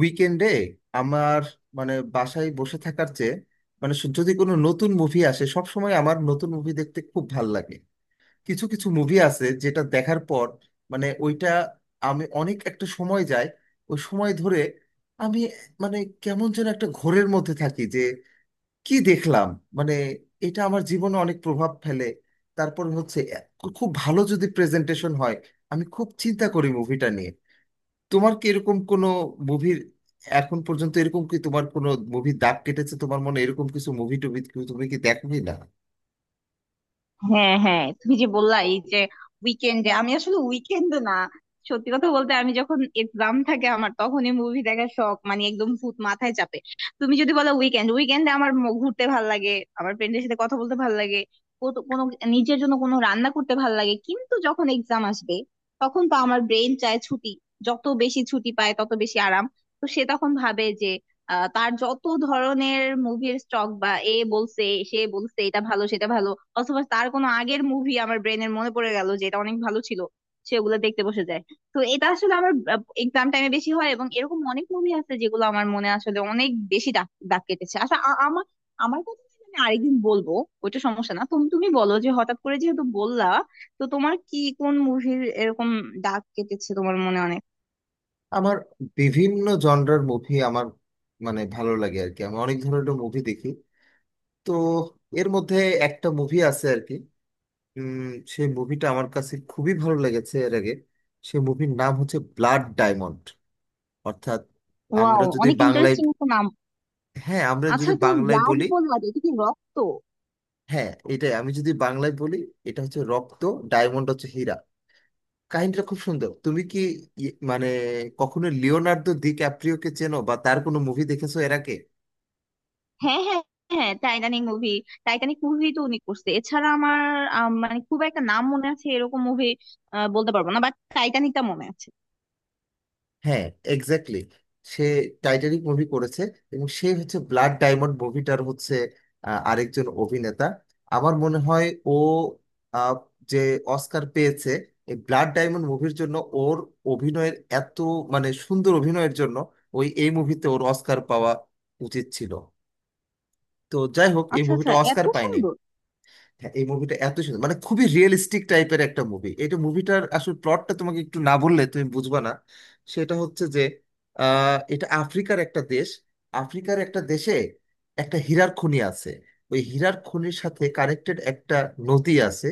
উইকেন্ডে আমার মানে বাসায় বসে থাকার চেয়ে মানে যদি কোনো নতুন মুভি আসে সব সময় আমার নতুন মুভি দেখতে খুব ভাল লাগে। কিছু কিছু মুভি আছে যেটা দেখার পর মানে ওইটা আমি অনেক একটা সময় যায়, ওই সময় ধরে আমি মানে কেমন যেন একটা ঘোরের মধ্যে থাকি যে কি দেখলাম, মানে এটা আমার জীবনে অনেক প্রভাব ফেলে। তারপর হচ্ছে খুব ভালো যদি প্রেজেন্টেশন হয়, আমি খুব চিন্তা করি মুভিটা নিয়ে। তোমার কি এরকম কোনো মুভির এখন পর্যন্ত এরকম কি তোমার কোনো মুভি দাগ কেটেছে তোমার মনে, এরকম কিছু মুভি টুভি কি তুমি কি দেখো কি না? হ্যাঁ হ্যাঁ, তুমি যে বললা এই যে উইকেন্ডে, আমি আসলে উইকেন্ডে না, সত্যি কথা বলতে আমি যখন এক্সাম থাকে আমার তখনই মুভি দেখার শখ, মানে একদম ভূত মাথায় চাপে। তুমি যদি বলো উইকেন্ড, উইকেন্ডে আমার ঘুরতে ভাল লাগে, আমার ফ্রেন্ডের সাথে কথা বলতে ভাল লাগে, কোনো নিজের জন্য কোনো রান্না করতে ভাল লাগে। কিন্তু যখন এক্সাম আসবে, তখন তো আমার ব্রেন চায় ছুটি, যত বেশি ছুটি পায় তত বেশি আরাম। তো সে তখন ভাবে যে তার যত ধরনের মুভির স্টক বা এ বলছে, সে বলছে এটা ভালো সেটা ভালো, অথবা তার কোনো আগের মুভি আমার ব্রেনের মনে পড়ে গেল যে এটা অনেক ভালো ছিল, সেগুলো দেখতে বসে যায়। তো এটা আসলে আমার এক্সাম টাইমে বেশি হয়। এবং এরকম অনেক মুভি আছে যেগুলো আমার মনে আসলে অনেক বেশি দাগ দাগ কেটেছে। আচ্ছা, আমার আমার কথা নিয়ে আমি আরেকদিন বলবো, ওইটা সমস্যা না। তুমি তুমি বলো, যে হঠাৎ করে যেহেতু বললা, তো তোমার কি কোন মুভির এরকম দাগ কেটেছে তোমার মনে অনেক? আমার বিভিন্ন জনরার মুভি আমার মানে ভালো লাগে আর কি, আমি অনেক ধরনের মুভি দেখি। তো এর মধ্যে একটা মুভি আছে আর কি, সেই মুভিটা আমার কাছে খুবই ভালো লেগেছে এর আগে। সেই মুভির নাম হচ্ছে ব্লাড ডায়মন্ড। অর্থাৎ আমরা ওয়াও, যদি অনেক বাংলায়, ইন্টারেস্টিং একটা নাম। হ্যাঁ আমরা যদি আচ্ছা, তো বাংলায় ব্লাড বলি, বললা, যে এটা কি রক্ত? হ্যাঁ এটাই, আমি যদি বাংলায় বলি এটা হচ্ছে রক্ত, ডায়মন্ড হচ্ছে হীরা। কাহিনীটা খুব সুন্দর। তুমি কি মানে কখনো লিওনার্দো ডি ক্যাপ্রিওকে চেনো বা তার কোনো মুভি দেখেছো এর আগে? হ্যাঁ হ্যাঁ হ্যাঁ, টাইটানিক মুভি, টাইটানিক মুভি তো উনি করছে। এছাড়া আমার মানে খুব একটা নাম মনে আছে এরকম মুভি বলতে পারবো না, বাট টাইটানিকটা মনে আছে। হ্যাঁ, এক্স্যাক্টলি, সে টাইটানিক মুভি করেছে। এবং সে হচ্ছে ব্লাড ডায়মন্ড মুভিটার হচ্ছে আরেকজন অভিনেতা আমার মনে হয়, ও, আহ, যে অস্কার পেয়েছে এই ব্লাড ডায়মন্ড মুভির জন্য। ওর অভিনয়ের এত মানে সুন্দর অভিনয়ের জন্য ওই এই মুভিতে ওর অস্কার পাওয়া উচিত ছিল, তো যাই হোক এই আচ্ছা মুভিটা আচ্ছা, এত অস্কার পায়নি। সুন্দর! হ্যাঁ এই মুভিটা এত সুন্দর, মানে খুবই রিয়েলিস্টিক টাইপের একটা মুভি এটা। মুভিটার আসলে প্লটটা তোমাকে একটু না বললে তুমি বুঝবা না। সেটা হচ্ছে যে এটা আফ্রিকার একটা দেশ। আফ্রিকার একটা দেশে একটা হীরার খনি আছে, ওই হীরার খনির সাথে কানেক্টেড একটা নদী আছে।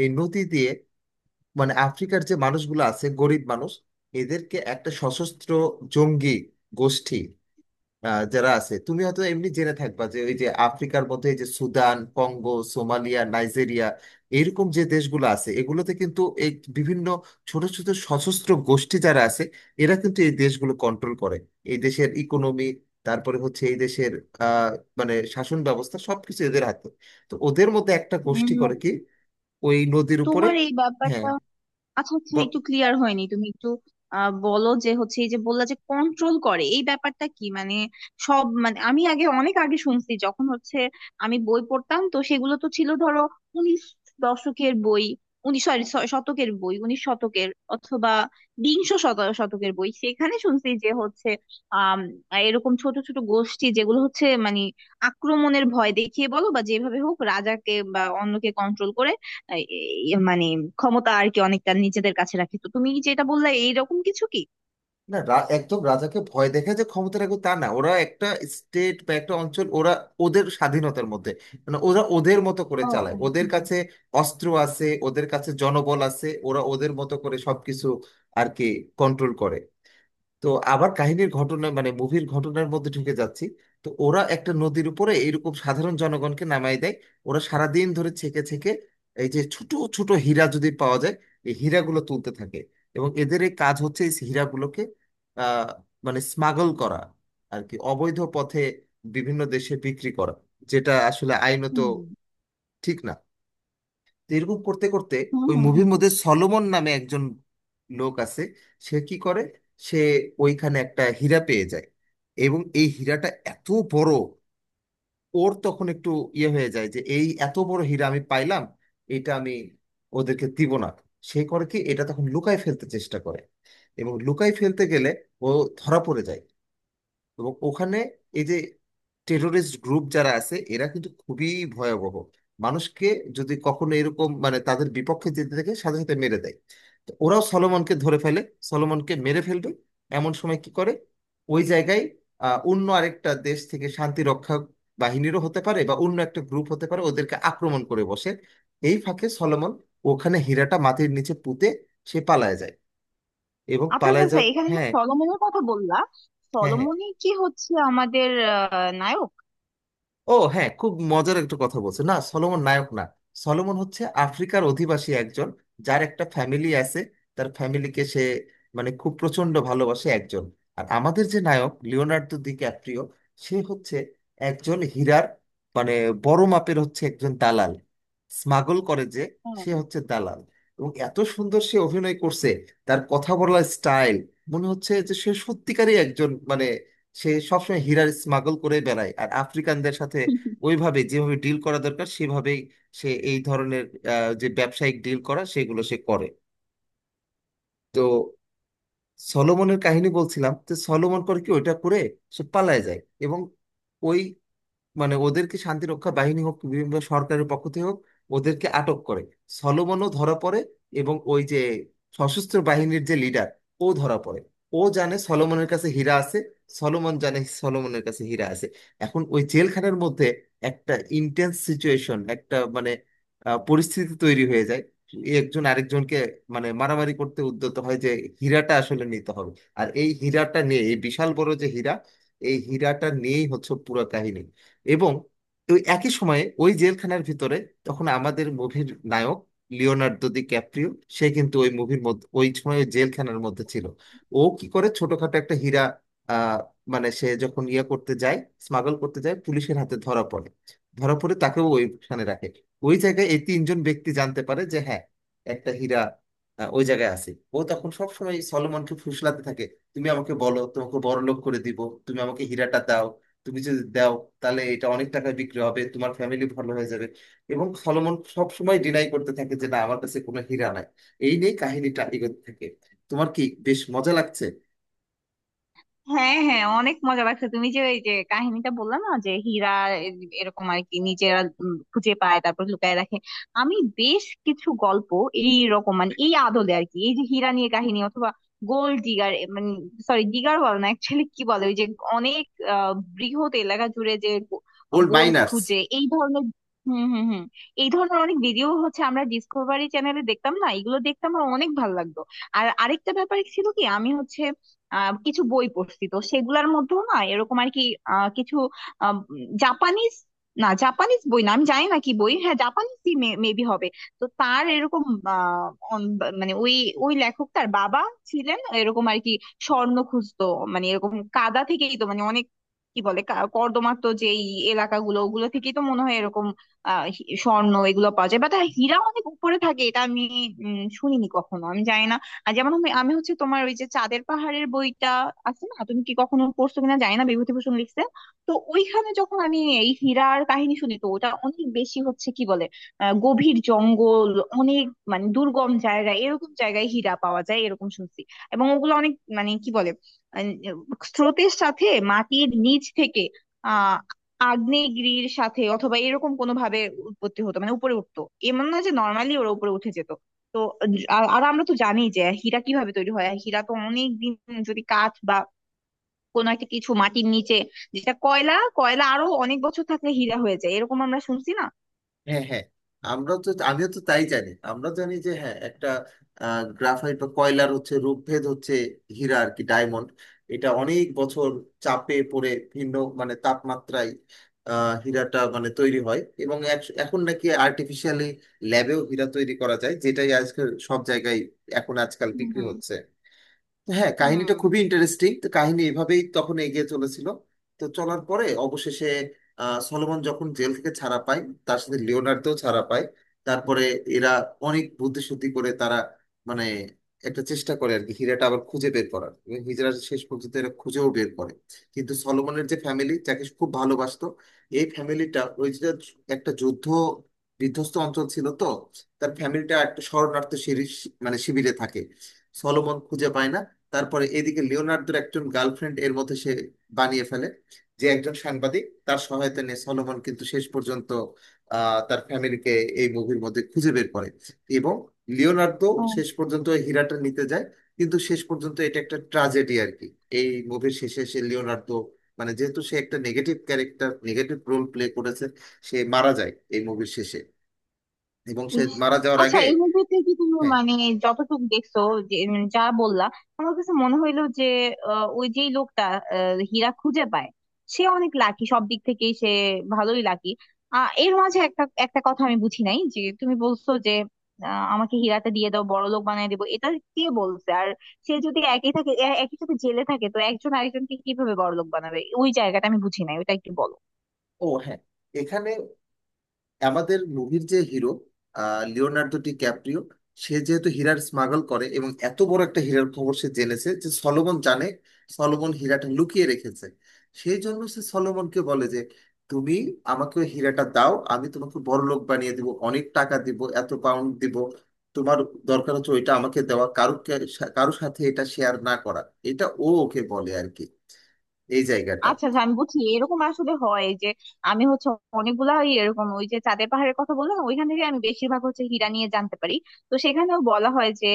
এই নদী দিয়ে মানে আফ্রিকার যে মানুষগুলো আছে গরিব মানুষ, এদেরকে একটা সশস্ত্র জঙ্গি গোষ্ঠী, যারা আছে, তুমি হয়তো এমনি জেনে থাকবা যে ওই যে আফ্রিকার মধ্যে এই যে সুদান, কঙ্গো, সোমালিয়া, নাইজেরিয়া, এরকম যে দেশগুলো আছে এগুলোতে কিন্তু এই বিভিন্ন ছোট ছোট সশস্ত্র গোষ্ঠী যারা আছে এরা কিন্তু এই দেশগুলো কন্ট্রোল করে, এই দেশের ইকোনমি, তারপরে হচ্ছে এই দেশের আহ মানে শাসন ব্যবস্থা সবকিছু এদের হাতে। তো ওদের মধ্যে একটা গোষ্ঠী উম, করে কি ওই নদীর উপরে, তোমার এই হ্যাঁ, ব্যাপারটা আচ্ছা আচ্ছা একটু ক্লিয়ার হয়নি, তুমি একটু বলো যে হচ্ছে এই যে বললা যে কন্ট্রোল করে, এই ব্যাপারটা কি মানে? সব মানে আমি আগে, অনেক আগে শুনছি, যখন হচ্ছে আমি বই পড়তাম, তো সেগুলো তো ছিল ধরো উনিশ দশকের বই উনিশ সরি শতকের বই, উনিশ শতকের অথবা বিংশ শতকের বই, সেখানে শুনছি যে হচ্ছে আহ এরকম ছোট ছোট গোষ্ঠী যেগুলো হচ্ছে মানে আক্রমণের ভয় দেখিয়ে বলো বা যেভাবে হোক রাজাকে বা অন্যকে কন্ট্রোল করে এই মানে ক্ষমতা আর কি অনেকটা নিজেদের কাছে রাখে। তো তুমি যেটা বললে এইরকম কিছু কি? না একদম রাজাকে ভয় দেখে যে ক্ষমতা রাখবে তা না, ওরা একটা স্টেট বা একটা অঞ্চল ওরা ওদের স্বাধীনতার মধ্যে মানে ওরা ওদের মতো করে ও, চালায়। ওদের হুম। কাছে অস্ত্র আছে, ওদের কাছে জনবল আছে, ওরা ওদের মতো করে সবকিছু আর কি কন্ট্রোল করে। তো আবার কাহিনীর ঘটনা মানে মুভির ঘটনার মধ্যে ঢুকে যাচ্ছি। তো ওরা একটা নদীর উপরে এরকম সাধারণ জনগণকে নামাই দেয়, ওরা সারাদিন ধরে ছেকে ছেকে এই যে ছোট ছোট হীরা যদি পাওয়া যায়, এই হীরাগুলো তুলতে থাকে। এবং এদের এই কাজ হচ্ছে এই হীরাগুলোকে আহ মানে স্মাগল করা আর কি, অবৈধ পথে বিভিন্ন দেশে বিক্রি করা, যেটা আসলে আইনত হুম ঠিক না। তো এরকম করতে করতে হুম ওই হুম মুভির হুম। মধ্যে সলোমন নামে একজন লোক আছে, সে কি করে, সে ওইখানে একটা হীরা পেয়ে যায় এবং এই হীরাটা এত বড়, ওর তখন একটু ইয়ে হয়ে যায় যে এই এত বড় হীরা আমি পাইলাম, এটা আমি ওদেরকে দিব না। সে করে কি এটা তখন লুকায় ফেলতে চেষ্টা করে, এবং লুকায় ফেলতে গেলে ও ধরা পড়ে যায়। এবং ওখানে এই যে টেরোরিস্ট গ্রুপ যারা আছে এরা কিন্তু খুবই ভয়াবহ, মানুষকে যদি কখনো এরকম মানে তাদের বিপক্ষে যেতে থাকে সাথে সাথে মেরে দেয়। তো ওরাও সলোমনকে ধরে ফেলে, সলোমনকে মেরে ফেলবে এমন সময় কি করে ওই জায়গায় অন্য আরেকটা দেশ থেকে শান্তি রক্ষা বাহিনীরও হতে পারে বা অন্য একটা গ্রুপ হতে পারে ওদেরকে আক্রমণ করে বসে। এই ফাঁকে সলোমন ওখানে হীরাটা মাটির নিচে পুঁতে সে পালায় যায়। এবং আচ্ছা আচ্ছা পালায় আচ্ছা, যাওয়ার, এখানে যে হ্যাঁ, সলোমনের কথা বললা, হ্যাঁ হ্যাঁ, সলোমনই কি হচ্ছে আমাদের নায়ক? ও হ্যাঁ খুব মজার একটা কথা বলছে না, সলোমন নায়ক না। সলোমন হচ্ছে আফ্রিকার অধিবাসী একজন যার একটা ফ্যামিলি আছে, তার ফ্যামিলিকে সে মানে খুব প্রচন্ড ভালোবাসে একজন। আর আমাদের যে নায়ক লিওনার্দো ডিক্যাপ্রিও, সে হচ্ছে একজন হীরার মানে বড় মাপের হচ্ছে একজন দালাল, স্মাগল করে যে, সে হচ্ছে দালাল। এবং এত সুন্দর সে অভিনয় করছে, তার কথা বলার স্টাইল, মনে হচ্ছে যে সে সত্যিকারই একজন মানে সে সবসময় হীরার স্মাগল করে বেড়ায় আর আফ্রিকানদের সাথে ওইভাবে যেভাবে ডিল করা দরকার সেভাবেই সে এই ধরনের যে ব্যবসায়িক ডিল করা সেগুলো সে করে। তো সলোমনের কাহিনী বলছিলাম, তো সলোমন করে কি ওইটা করে সে পালায় যায়। এবং ওই মানে ওদেরকে শান্তি রক্ষা বাহিনী হোক বিভিন্ন সরকারের পক্ষ থেকে হোক ওদেরকে আটক করে, সলোমনও ধরা পড়ে। এবং ওই যে সশস্ত্র বাহিনীর যে লিডার ও ধরা পড়ে, ও জানে সলোমনের কাছে হীরা আছে, সলোমন জানে সলোমনের কাছে হীরা আছে। এখন ওই জেলখানার মধ্যে একটা ইন্টেন্স সিচুয়েশন একটা মানে পরিস্থিতি তৈরি হয়ে যায়, একজন আরেকজনকে মানে মারামারি করতে উদ্যত হয় যে হীরাটা আসলে নিতে হবে। আর এই হীরাটা নিয়ে এই বিশাল বড় যে হীরা, এই হীরাটা নিয়েই হচ্ছে পুরো কাহিনী। এবং ওই একই সময়ে ওই জেলখানার ভিতরে তখন আমাদের মুভির নায়ক লিওনার্দো দি ক্যাপ্রিও সে কিন্তু ওই মুভির মধ্যে ওই সময় ওই জেলখানার মধ্যে ছিল। ও কি করে, ছোটখাটো একটা হীরা আহ মানে সে যখন ইয়ে করতে যায়, স্মাগল করতে যায় পুলিশের হাতে ধরা পড়ে, ধরা পড়ে তাকেও ওইখানে রাখে। ওই জায়গায় এই তিনজন ব্যক্তি জানতে পারে যে হ্যাঁ একটা হীরা ওই জায়গায় আছে। ও তখন সবসময় সলোমনকে ফুসলাতে থাকে, তুমি আমাকে বলো তোমাকে বড়লোক করে দিব, তুমি আমাকে হীরাটা দাও, তুমি যদি দাও তাহলে এটা অনেক টাকা বিক্রি হবে, তোমার ফ্যামিলি ভালো হয়ে যাবে। এবং সলোমন সব সময় ডিনাই করতে থাকে যে না আমার কাছে কোনো হীরা নাই। এই নিয়ে কাহিনীটা এগোতে থাকে। তোমার কি বেশ মজা লাগছে? হ্যাঁ হ্যাঁ, অনেক মজা লাগছে। তুমি যে এই যে কাহিনীটা বললে না, যে হীরা এ- এরকম আর কি নিজেরা খুঁজে পায় তারপর লুকায় রাখে, আমি বেশ কিছু গল্প এই রকম মানে এই আদলে আর কি, এই যে হীরা নিয়ে কাহিনী, অথবা গোল্ড ডিগার, মানে সরি, ডিগার বলে না অ্যাকচুয়ালি, কি বলে ওই যে অনেক বৃহৎ এলাকা জুড়ে যে গোল্ড গোল্ড মাইনার্স। খুঁজে এই ধরনের। হুম হুম হুম এই ধরনের অনেক ভিডিও হচ্ছে আমরা ডিসকভারি চ্যানেলে দেখতাম না, এগুলো দেখতাম, আমার অনেক ভালো লাগতো। আর আরেকটা ব্যাপার ছিল কি, আমি হচ্ছে কিছু বই পড়ছি, তো সেগুলার মধ্যেও না এরকম আর কি কিছু আম, জাপানিজ, না জাপানিজ বই না, আমি জানি না কি বই, হ্যাঁ জাপানিজই মেবি হবে। তো তার এরকম আহ, অন- মানে ওই ওই লেখক, তার বাবা ছিলেন এরকম আর কি, স্বর্ণ খুঁজতো। মানে এরকম কাদা থেকেই তো মানে অনেক কি বলে কর্দমাক্ত যেই এলাকাগুলো, ওগুলো থেকেই তো মনে হয় এরকম স্বর্ণ এগুলো পাওয়া যায়, বাট হীরা অনেক উপরে থাকে, এটা আমি শুনিনি কখনো, আমি জানি না। আর যেমন, আমি আমি হচ্ছে তোমার ওই যে চাঁদের পাহাড়ের বইটা আছে না, তুমি কি কখনো পড়ছো কিনা জানি না, বিভূতিভূষণ লিখছে। তো ওইখানে যখন আমি এই হীরার কাহিনী শুনি, তো ওটা অনেক বেশি হচ্ছে কি বলে গভীর জঙ্গল, অনেক মানে দুর্গম জায়গায়, এরকম জায়গায় হীরা পাওয়া যায় এরকম শুনছি। এবং ওগুলো অনেক মানে কি বলে আহ, স্রোতের সাথে মাটির নিচ থেকে আহ আগ্নেয়গিরির সাথে অথবা এরকম কোনো ভাবে উৎপত্তি হতো, মানে উপরে উঠতো, এমন না যে নর্মালি ওরা উপরে উঠে যেত। তো আর আর আমরা তো জানি যে হীরা কিভাবে তৈরি হয়, হীরা তো অনেক দিন যদি কাঠ বা কোনো একটা কিছু মাটির নিচে, যেটা কয়লা কয়লা আরো অনেক বছর থাকলে হীরা হয়ে যায়, এরকম আমরা শুনছি না? হ্যাঁ হ্যাঁ, আমরা তো আমিও তো তাই জানি, আমরা জানি যে হ্যাঁ একটা গ্রাফাইট বা কয়লার হচ্ছে রূপভেদ হচ্ছে হীরা আর কি, ডায়মন্ড। এটা অনেক বছর চাপে পড়ে ভিন্ন মানে তাপমাত্রায় হীরাটা মানে তৈরি হয়। এবং এখন নাকি আর্টিফিশিয়ালি ল্যাবেও হীরা তৈরি করা যায়, যেটাই আজকাল সব জায়গায় এখন আজকাল বিক্রি হুম হচ্ছে। হ্যাঁ কাহিনীটা খুবই ইন্টারেস্টিং। তো কাহিনী এভাবেই তখন এগিয়ে চলেছিল। তো চলার পরে অবশেষে সলোমন যখন জেল থেকে ছাড়া পায়, তার সাথে লিওনার্দও ছাড়া পায়। তারপরে এরা অনেক বুদ্ধিসুদ্ধি করে তারা মানে একটা চেষ্টা করে আর কি হীরাটা আবার খুঁজে বের করার, এবং হীরা শেষ পর্যন্ত এরা খুঁজেও বের করে। কিন্তু সলোমনের যে ফ্যামিলি যাকে সে খুব ভালোবাসতো, এই ফ্যামিলিটা ওই যে একটা যুদ্ধ বিধ্বস্ত অঞ্চল ছিল তো, তার ফ্যামিলিটা একটা শরণার্থী শিবির মানে শিবিরে থাকে, সলোমন খুঁজে পায় না। তারপরে এদিকে লিওনার্দোর একজন গার্লফ্রেন্ড এর মধ্যে সে বানিয়ে ফেলে, যে একজন সাংবাদিক, তার সহায়তা নিয়ে সলোমন কিন্তু শেষ পর্যন্ত তার ফ্যামিলিকে এই মুভির মধ্যে খুঁজে বের করে। এবং লিওনার্দো হুম শেষ পর্যন্ত ওই হীরাটা নিতে যায়, কিন্তু শেষ পর্যন্ত এটা একটা ট্রাজেডি আর কি। এই মুভির শেষে সে, লিওনার্দো, মানে যেহেতু সে একটা negative character, negative role play করেছে, সে মারা যায় এই মুভির শেষে। এবং সে ইস! মারা যাওয়ার আচ্ছা, আগে, এই মুভিতে কি তুমি হ্যাঁ, মানে যতটুকু দেখছো, যে যা বললা আমার কাছে মনে হইলো যে ওই যে লোকটা হীরা খুঁজে পায় সে অনেক লাকি, সব দিক থেকেই সে ভালোই লাকি। এর মাঝে একটা একটা কথা আমি বুঝি নাই, যে তুমি বলছো যে আমাকে হীরাটা দিয়ে দাও বড় লোক বানিয়ে দেবো, এটা কে বলছে? আর সে যদি একই থাকে, একই সাথে জেলে থাকে, তো একজন আরেকজনকে কিভাবে বড় লোক বানাবে? ওই জায়গাটা আমি বুঝি নাই, ওটা একটু বলো। ও হ্যাঁ, এখানে আমাদের মুভির যে হিরো লিওনার্দো ডি ক্যাপ্রিও, সে যেহেতু হীরার স্মাগল করে এবং এত বড় একটা হীরার খবর সে জেনেছে যে সলোমন জানে, সলোমন হীরাটা লুকিয়ে রেখেছে, সেই জন্য সে সলোমনকে বলে যে তুমি আমাকে ওই হীরাটা দাও, আমি তোমাকে বড়লোক বানিয়ে দিব, অনেক টাকা দিব, এত পাউন্ড দিব। তোমার দরকার হচ্ছে ওইটা আমাকে দেওয়া, কারো কারোর সাথে এটা শেয়ার না করা। এটা ও ওকে বলে আর কি, এই জায়গাটা। আচ্ছা আচ্ছা, আমি বুঝছি। এরকম আসলে হয় যে আমি হচ্ছে অনেকগুলা ওই এরকম ওই যে চাঁদের পাহাড়ের কথা বললাম না, ওইখান থেকে আমি বেশিরভাগ হচ্ছে হীরা নিয়ে জানতে পারি। তো সেখানেও বলা হয় যে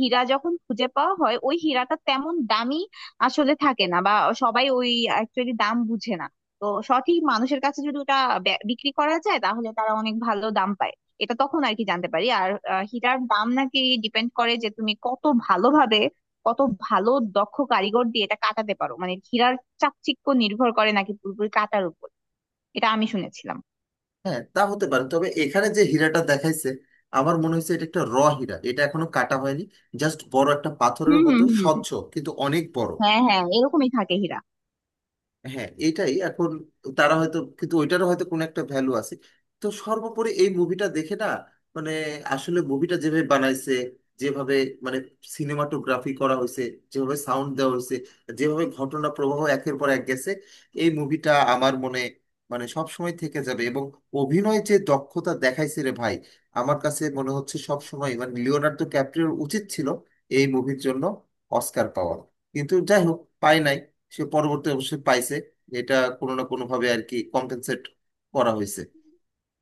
হীরা যখন খুঁজে পাওয়া হয় ওই হীরাটা তেমন দামি আসলে থাকে না, বা সবাই ওই অ্যাকচুয়ালি দাম বুঝে না। তো সঠিক মানুষের কাছে যদি ওটা বিক্রি করা যায় তাহলে তারা অনেক ভালো দাম পায়, এটা তখন আর কি জানতে পারি। আর হীরার দাম নাকি ডিপেন্ড করে যে তুমি কত ভালোভাবে, কত ভালো দক্ষ কারিগর দিয়ে এটা কাটাতে পারো, মানে চাকচিক্য নির্ভর করে নাকি পুরোপুরি কাটার উপর, এটা আমি শুনেছিলাম। হ্যাঁ তা হতে পারে, তবে এখানে যে হীরাটা দেখাইছে আমার মনে হয়েছে এটা একটা র হীরা, এটা এখনো কাটা হয়নি, জাস্ট বড় একটা পাথরের হুম মতো হুম হুম স্বচ্ছ কিন্তু অনেক বড়। হ্যাঁ হ্যাঁ, এরকমই থাকে হীরা। হ্যাঁ এটাই, এখন তারা হয়তো, কিন্তু ওইটারও হয়তো কোনো একটা ভ্যালু আছে। তো সর্বোপরি এই মুভিটা দেখে না মানে আসলে মুভিটা যেভাবে বানাইছে, যেভাবে মানে সিনেমাটোগ্রাফি করা হয়েছে, যেভাবে সাউন্ড দেওয়া হয়েছে, যেভাবে ঘটনা প্রবাহ একের পর এক গেছে, এই মুভিটা আমার মনে মানে সব সময় থেকে যাবে। এবং অভিনয় যে দক্ষতা দেখাইছে রে ভাই, আমার কাছে মনে হচ্ছে সব সময় মানে লিওনার্দো ক্যাপ্রিওর উচিত ছিল এই মুভির জন্য অস্কার পাওয়া। কিন্তু যাই হোক পাই নাই, সে পরবর্তী অবশ্যই পাইছে, এটা কোনো না কোনো ভাবে আর কি কম্পেনসেট করা হয়েছে।